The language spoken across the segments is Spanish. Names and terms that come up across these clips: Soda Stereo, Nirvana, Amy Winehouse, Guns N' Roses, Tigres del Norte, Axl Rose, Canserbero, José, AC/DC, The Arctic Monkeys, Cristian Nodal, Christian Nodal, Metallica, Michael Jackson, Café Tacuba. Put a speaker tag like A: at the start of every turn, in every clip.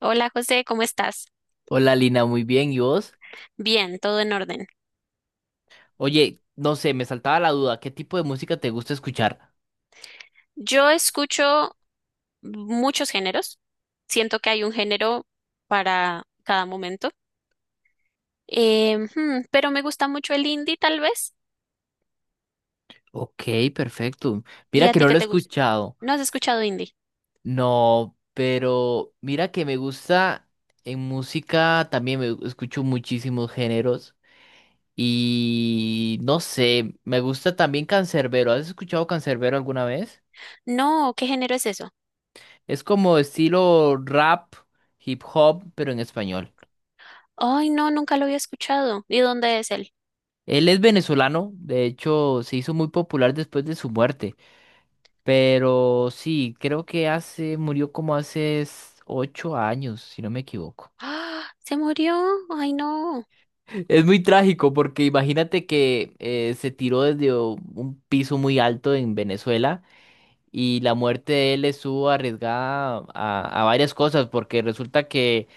A: Hola José, ¿cómo estás?
B: Hola Lina, muy bien, ¿y vos?
A: Bien, todo en orden.
B: Oye, no sé, me saltaba la duda, ¿qué tipo de música te gusta escuchar?
A: Yo escucho muchos géneros. Siento que hay un género para cada momento. Pero me gusta mucho el indie, tal vez.
B: Ok, perfecto.
A: ¿Y
B: Mira
A: a
B: que
A: ti
B: no
A: qué
B: lo he
A: te gusta?
B: escuchado.
A: ¿No has escuchado indie?
B: No, pero mira que me gusta en música también, me escucho muchísimos géneros y no sé, me gusta también Canserbero. ¿Has escuchado Canserbero alguna vez?
A: No, ¿qué género es eso?
B: Es como estilo rap, hip hop, pero en español.
A: Ay, no, nunca lo había escuchado. ¿Y dónde es él?
B: Él es venezolano, de hecho, se hizo muy popular después de su muerte. Pero sí, creo que hace, murió como 8 años, si no me equivoco.
A: ¡Ah! ¿Se murió? Ay, no.
B: Es muy trágico porque imagínate que se tiró desde un piso muy alto en Venezuela. Y la muerte de él estuvo arriesgada a varias cosas, porque resulta que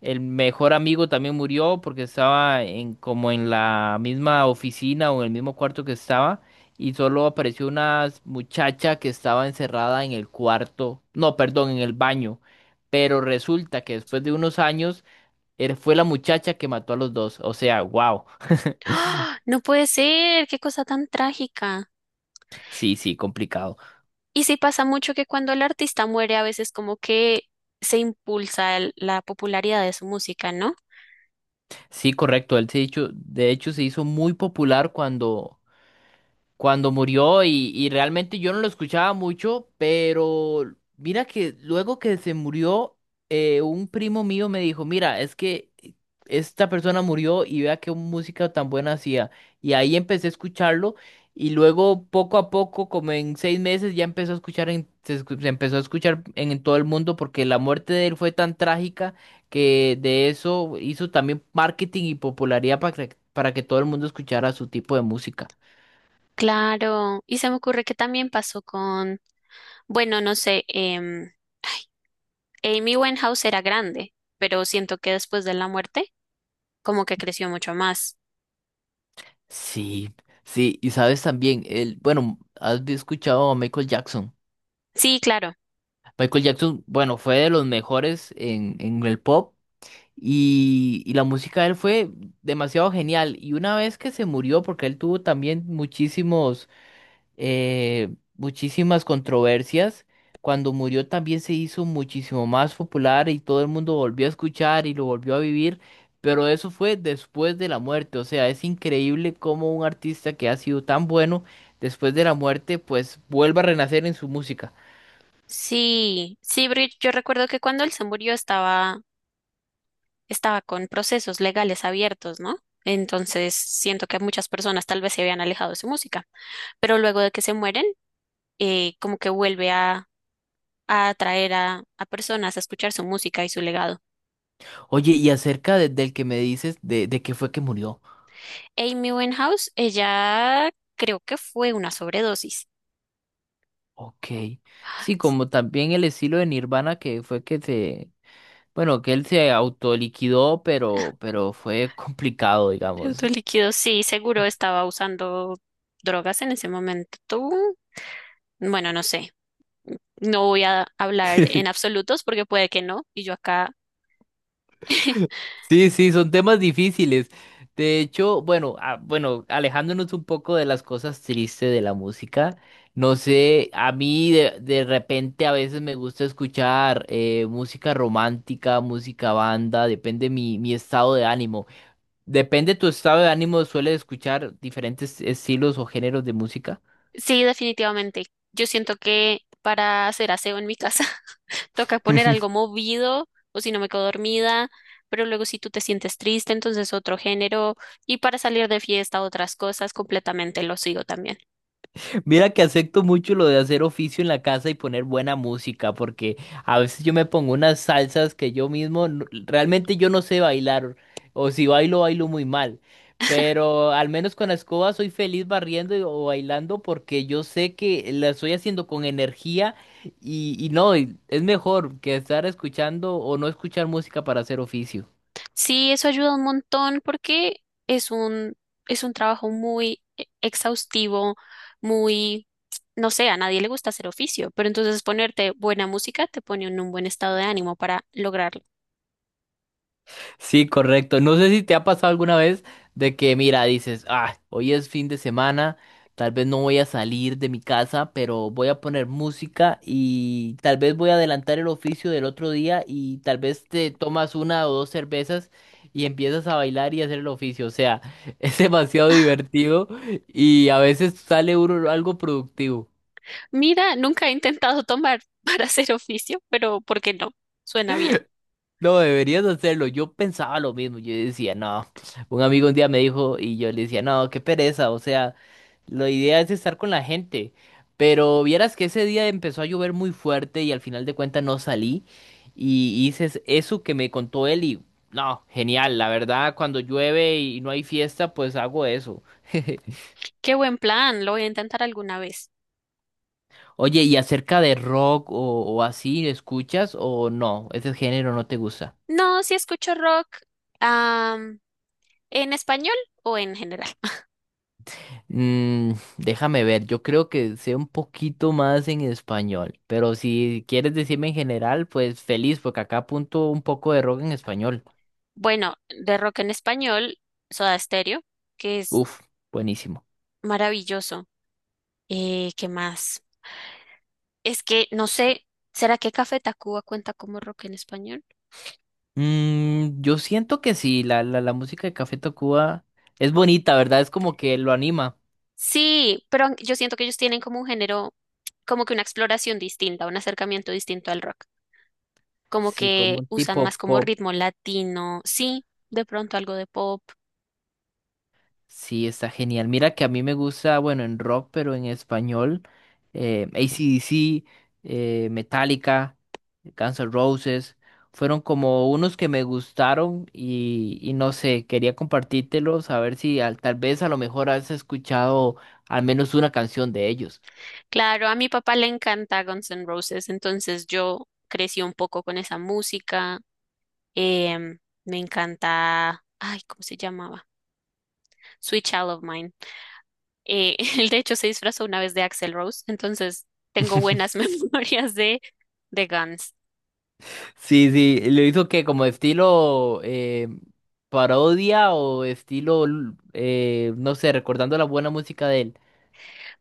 B: el mejor amigo también murió porque estaba en, como en la misma oficina o en el mismo cuarto que estaba, y solo apareció una muchacha que estaba encerrada en el cuarto, no, perdón, en el baño. Pero resulta que después de unos años él fue la muchacha que mató a los dos. O sea, wow.
A: ¡Ah! No puede ser. Qué cosa tan trágica.
B: Sí, sí, complicado.
A: Y sí pasa mucho que cuando el artista muere, a veces como que se impulsa la popularidad de su música, ¿no?
B: Sí, correcto. De hecho, se hizo muy popular cuando murió y realmente yo no lo escuchaba mucho, pero mira que luego que se murió, un primo mío me dijo, mira, es que esta persona murió y vea qué música tan buena hacía. Y ahí empecé a escucharlo y luego poco a poco, como en seis meses, ya empezó a escuchar se empezó a escuchar en todo el mundo porque la muerte de él fue tan trágica que de eso hizo también marketing y popularidad para que todo el mundo escuchara su tipo de música.
A: Claro, y se me ocurre que también pasó con, bueno, no sé, Amy Winehouse era grande, pero siento que después de la muerte, como que creció mucho más.
B: Sí, sí, y sabes también, el, bueno, has escuchado a Michael Jackson.
A: Sí, claro,
B: Michael Jackson, bueno, fue de los mejores en el pop y la música de él fue demasiado genial. Y una vez que se murió, porque él tuvo también muchísimos eh, muchísimas controversias. Cuando murió también se hizo muchísimo más popular y todo el mundo volvió a escuchar y lo volvió a vivir, pero eso fue después de la muerte. O sea, es increíble cómo un artista que ha sido tan bueno después de la muerte, pues vuelva a renacer en su música.
A: sí, sí, Brit, yo recuerdo que cuando él se murió estaba con procesos legales abiertos, ¿no? Entonces siento que muchas personas tal vez se habían alejado de su música, pero luego de que se mueren como que vuelve a atraer a personas a escuchar su música y su legado.
B: Oye, y del que me dices, de qué fue que murió.
A: Amy Winehouse, ella creo que fue una sobredosis.
B: Ok. Sí, como también el estilo de Nirvana que fue que se. Bueno, que él se autoliquidó, pero fue complicado, digamos.
A: Líquido, sí, seguro estaba usando drogas en ese momento. Tú, bueno, no sé. No voy a hablar en absolutos porque puede que no, y yo acá.
B: Sí, sí, son temas difíciles. De hecho, bueno, ah, bueno, alejándonos un poco de las cosas tristes de la música, no sé, a mí de repente a veces me gusta escuchar música romántica, música banda, depende mi, mi estado de ánimo. Depende tu estado de ánimo, ¿sueles escuchar diferentes estilos o géneros de música?
A: Sí, definitivamente. Yo siento que para hacer aseo en mi casa toca poner algo movido o si no me quedo dormida, pero luego si tú te sientes triste, entonces otro género y para salir de fiesta otras cosas, completamente lo sigo también.
B: Mira que acepto mucho lo de hacer oficio en la casa y poner buena música, porque a veces yo me pongo unas salsas que yo mismo, realmente yo no sé bailar, o si bailo, bailo muy mal, pero al menos con la escoba soy feliz barriendo o bailando porque yo sé que la estoy haciendo con energía y no, y es mejor que estar escuchando o no escuchar música para hacer oficio.
A: Sí, eso ayuda un montón porque es un, es un trabajo muy exhaustivo, muy, no sé, a nadie le gusta hacer oficio, pero entonces ponerte buena música te pone en un buen estado de ánimo para lograr.
B: Sí, correcto. No sé si te ha pasado alguna vez de que, mira, dices, ah, hoy es fin de semana, tal vez no voy a salir de mi casa, pero voy a poner música y tal vez voy a adelantar el oficio del otro día y tal vez te tomas una o dos cervezas y empiezas a bailar y hacer el oficio. O sea, es demasiado divertido y a veces sale uno algo productivo.
A: Mira, nunca he intentado tomar para hacer oficio, pero ¿por qué no? Suena bien.
B: No, deberías hacerlo. Yo pensaba lo mismo. Yo decía, no. Un amigo un día me dijo y yo le decía, no, qué pereza. O sea, la idea es estar con la gente. Pero vieras que ese día empezó a llover muy fuerte y al final de cuentas no salí. Y eso que me contó él y no, genial. La verdad, cuando llueve y no hay fiesta, pues hago eso.
A: Qué buen plan, lo voy a intentar alguna vez.
B: Oye, ¿y acerca de rock o así, escuchas o no? ¿Ese género no te gusta?
A: No, si escucho rock, am, en español o en general.
B: Mm, déjame ver, yo creo que sé un poquito más en español, pero si quieres decirme en general, pues feliz, porque acá apunto un poco de rock en español.
A: Bueno, de rock en español, Soda Stereo, que es
B: Uf, buenísimo.
A: maravilloso. ¿Qué más? Es que no sé, ¿será que Café Tacuba cuenta como rock en español?
B: Mm, yo siento que sí, la música de Café Tacuba es bonita, ¿verdad? Es como que lo anima.
A: Sí, pero yo siento que ellos tienen como un género, como que una exploración distinta, un acercamiento distinto al rock. Como
B: Sí, como
A: que
B: un
A: usan
B: tipo
A: más como
B: pop.
A: ritmo latino, sí, de pronto algo de pop.
B: Sí, está genial. Mira que a mí me gusta, bueno, en rock, pero en español, AC/DC, Metallica, Guns N' Roses, fueron como unos que me gustaron y no sé, quería compartírtelos, a ver si tal vez a lo mejor has escuchado al menos una canción de ellos.
A: Claro, a mi papá le encanta Guns N' Roses, entonces yo crecí un poco con esa música. Em, Me encanta, ay, ¿cómo se llamaba? Sweet Child of Mine. Él de hecho se disfrazó una vez de Axl Rose, entonces tengo buenas memorias de Guns.
B: Sí, sí, lo hizo que como estilo parodia o estilo, no sé, recordando la buena música de él.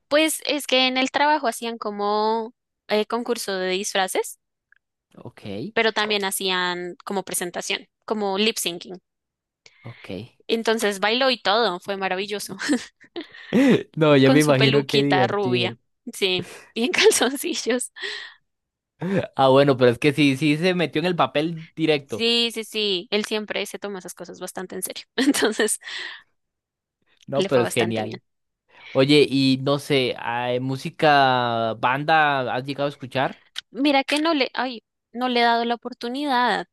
A: Pues es que en el trabajo hacían como concurso de disfraces,
B: Ok,
A: pero también hacían como presentación, como lip syncing.
B: ok.
A: Entonces bailó y todo, fue maravilloso,
B: No, yo me
A: con su
B: imagino qué
A: peluquita
B: divertido.
A: rubia, sí, y en calzoncillos.
B: Ah, bueno, pero es que sí, sí se metió en el papel directo.
A: Sí, sí, sí, él siempre se toma esas cosas bastante en serio, entonces
B: No,
A: le fue
B: pero es
A: bastante bien.
B: genial. Oye, y no sé, ah, música, banda, ¿has llegado a escuchar?
A: Mira que no le, ay, no le he dado la oportunidad.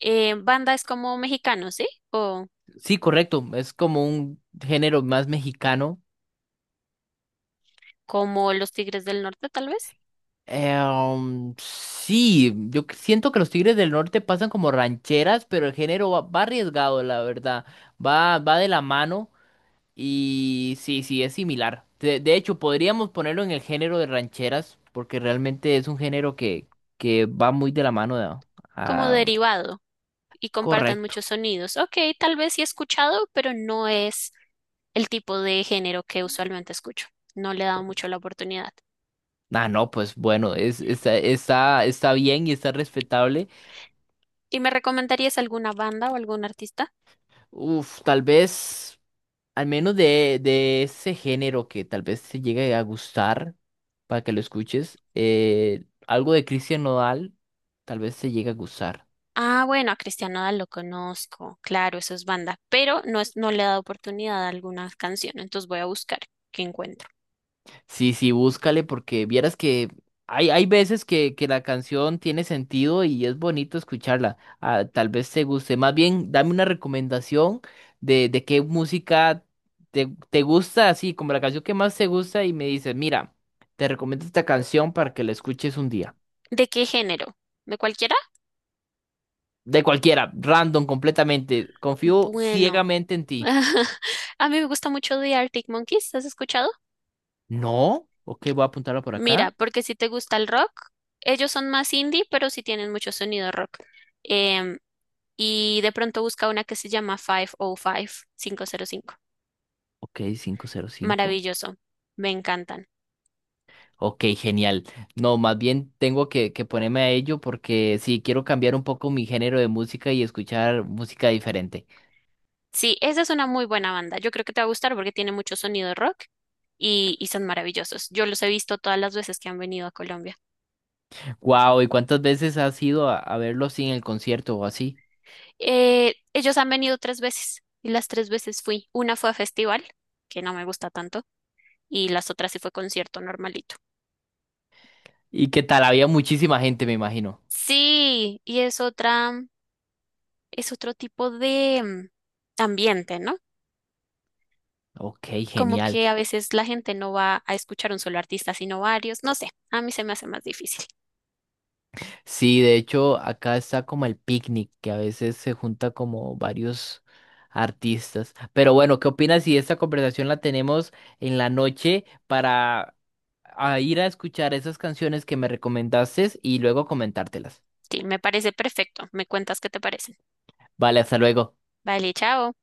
A: Banda es como mexicano, ¿sí? O
B: Sí, correcto, es como un género más mexicano.
A: como los Tigres del Norte, tal vez.
B: Sí, siento que los Tigres del Norte pasan como rancheras, pero el género va, va arriesgado, la verdad. Va, va de la mano. Y sí, sí, es similar. De hecho, podríamos ponerlo en el género de rancheras, porque realmente es un género que va muy de la mano
A: Como
B: ah,
A: derivado y compartan
B: correcto.
A: muchos sonidos. Ok, tal vez sí he escuchado, pero no es el tipo de género que usualmente escucho. No le he dado mucho la oportunidad.
B: Ah, no, pues bueno, es, está, está, está bien y está respetable.
A: ¿Y me recomendarías alguna banda o algún artista?
B: Uf, tal vez, al menos de ese género que tal vez te llegue a gustar, para que lo escuches, algo de Christian Nodal, tal vez te llegue a gustar.
A: Ah, bueno, a Cristian Nodal lo conozco, claro, eso es banda, pero no, es, no le he dado oportunidad a alguna canción, entonces voy a buscar qué encuentro.
B: Sí, sí, búscale porque vieras que hay veces que la canción tiene sentido y es bonito escucharla. Ah, tal vez te guste. Más bien, dame una recomendación de qué música te, te gusta, así como la canción que más te gusta y me dices, mira, te recomiendo esta canción para que la escuches un día.
A: ¿De qué género? ¿De cualquiera?
B: De cualquiera, random, completamente. Confío
A: Bueno,
B: ciegamente en ti.
A: a mí me gusta mucho The Arctic Monkeys, ¿has escuchado?
B: No, ok, voy a apuntarla por
A: Mira,
B: acá.
A: porque si te gusta el rock, ellos son más indie, pero sí tienen mucho sonido rock. Em, Y de pronto busca una que se llama 505, cinco.
B: Ok, 505.
A: Maravilloso. Me encantan.
B: Ok, genial. No, más bien tengo que ponerme a ello porque sí, quiero cambiar un poco mi género de música y escuchar música diferente.
A: Sí, esa es una muy buena banda. Yo creo que te va a gustar porque tiene mucho sonido rock y son maravillosos. Yo los he visto todas las veces que han venido a Colombia.
B: Wow, ¿y cuántas veces has ido a verlo así en el concierto o así?
A: Ellos han venido 3 veces y las 3 veces fui. Una fue a festival, que no me gusta tanto, y las otras sí fue concierto normalito.
B: ¿Y qué tal? Había muchísima gente, me imagino.
A: Sí, y es otro tipo de ambiente, ¿no?
B: Ok,
A: Como
B: genial.
A: que a veces la gente no va a escuchar un solo artista, sino varios. No sé, a mí se me hace más difícil.
B: Sí, de hecho, acá está como el picnic, que a veces se junta como varios artistas. Pero bueno, ¿qué opinas si esta conversación la tenemos en la noche para a ir a escuchar esas canciones que me recomendaste y luego comentártelas?
A: Sí, me parece perfecto. Me cuentas qué te parecen.
B: Vale, hasta luego.
A: Vale, chao.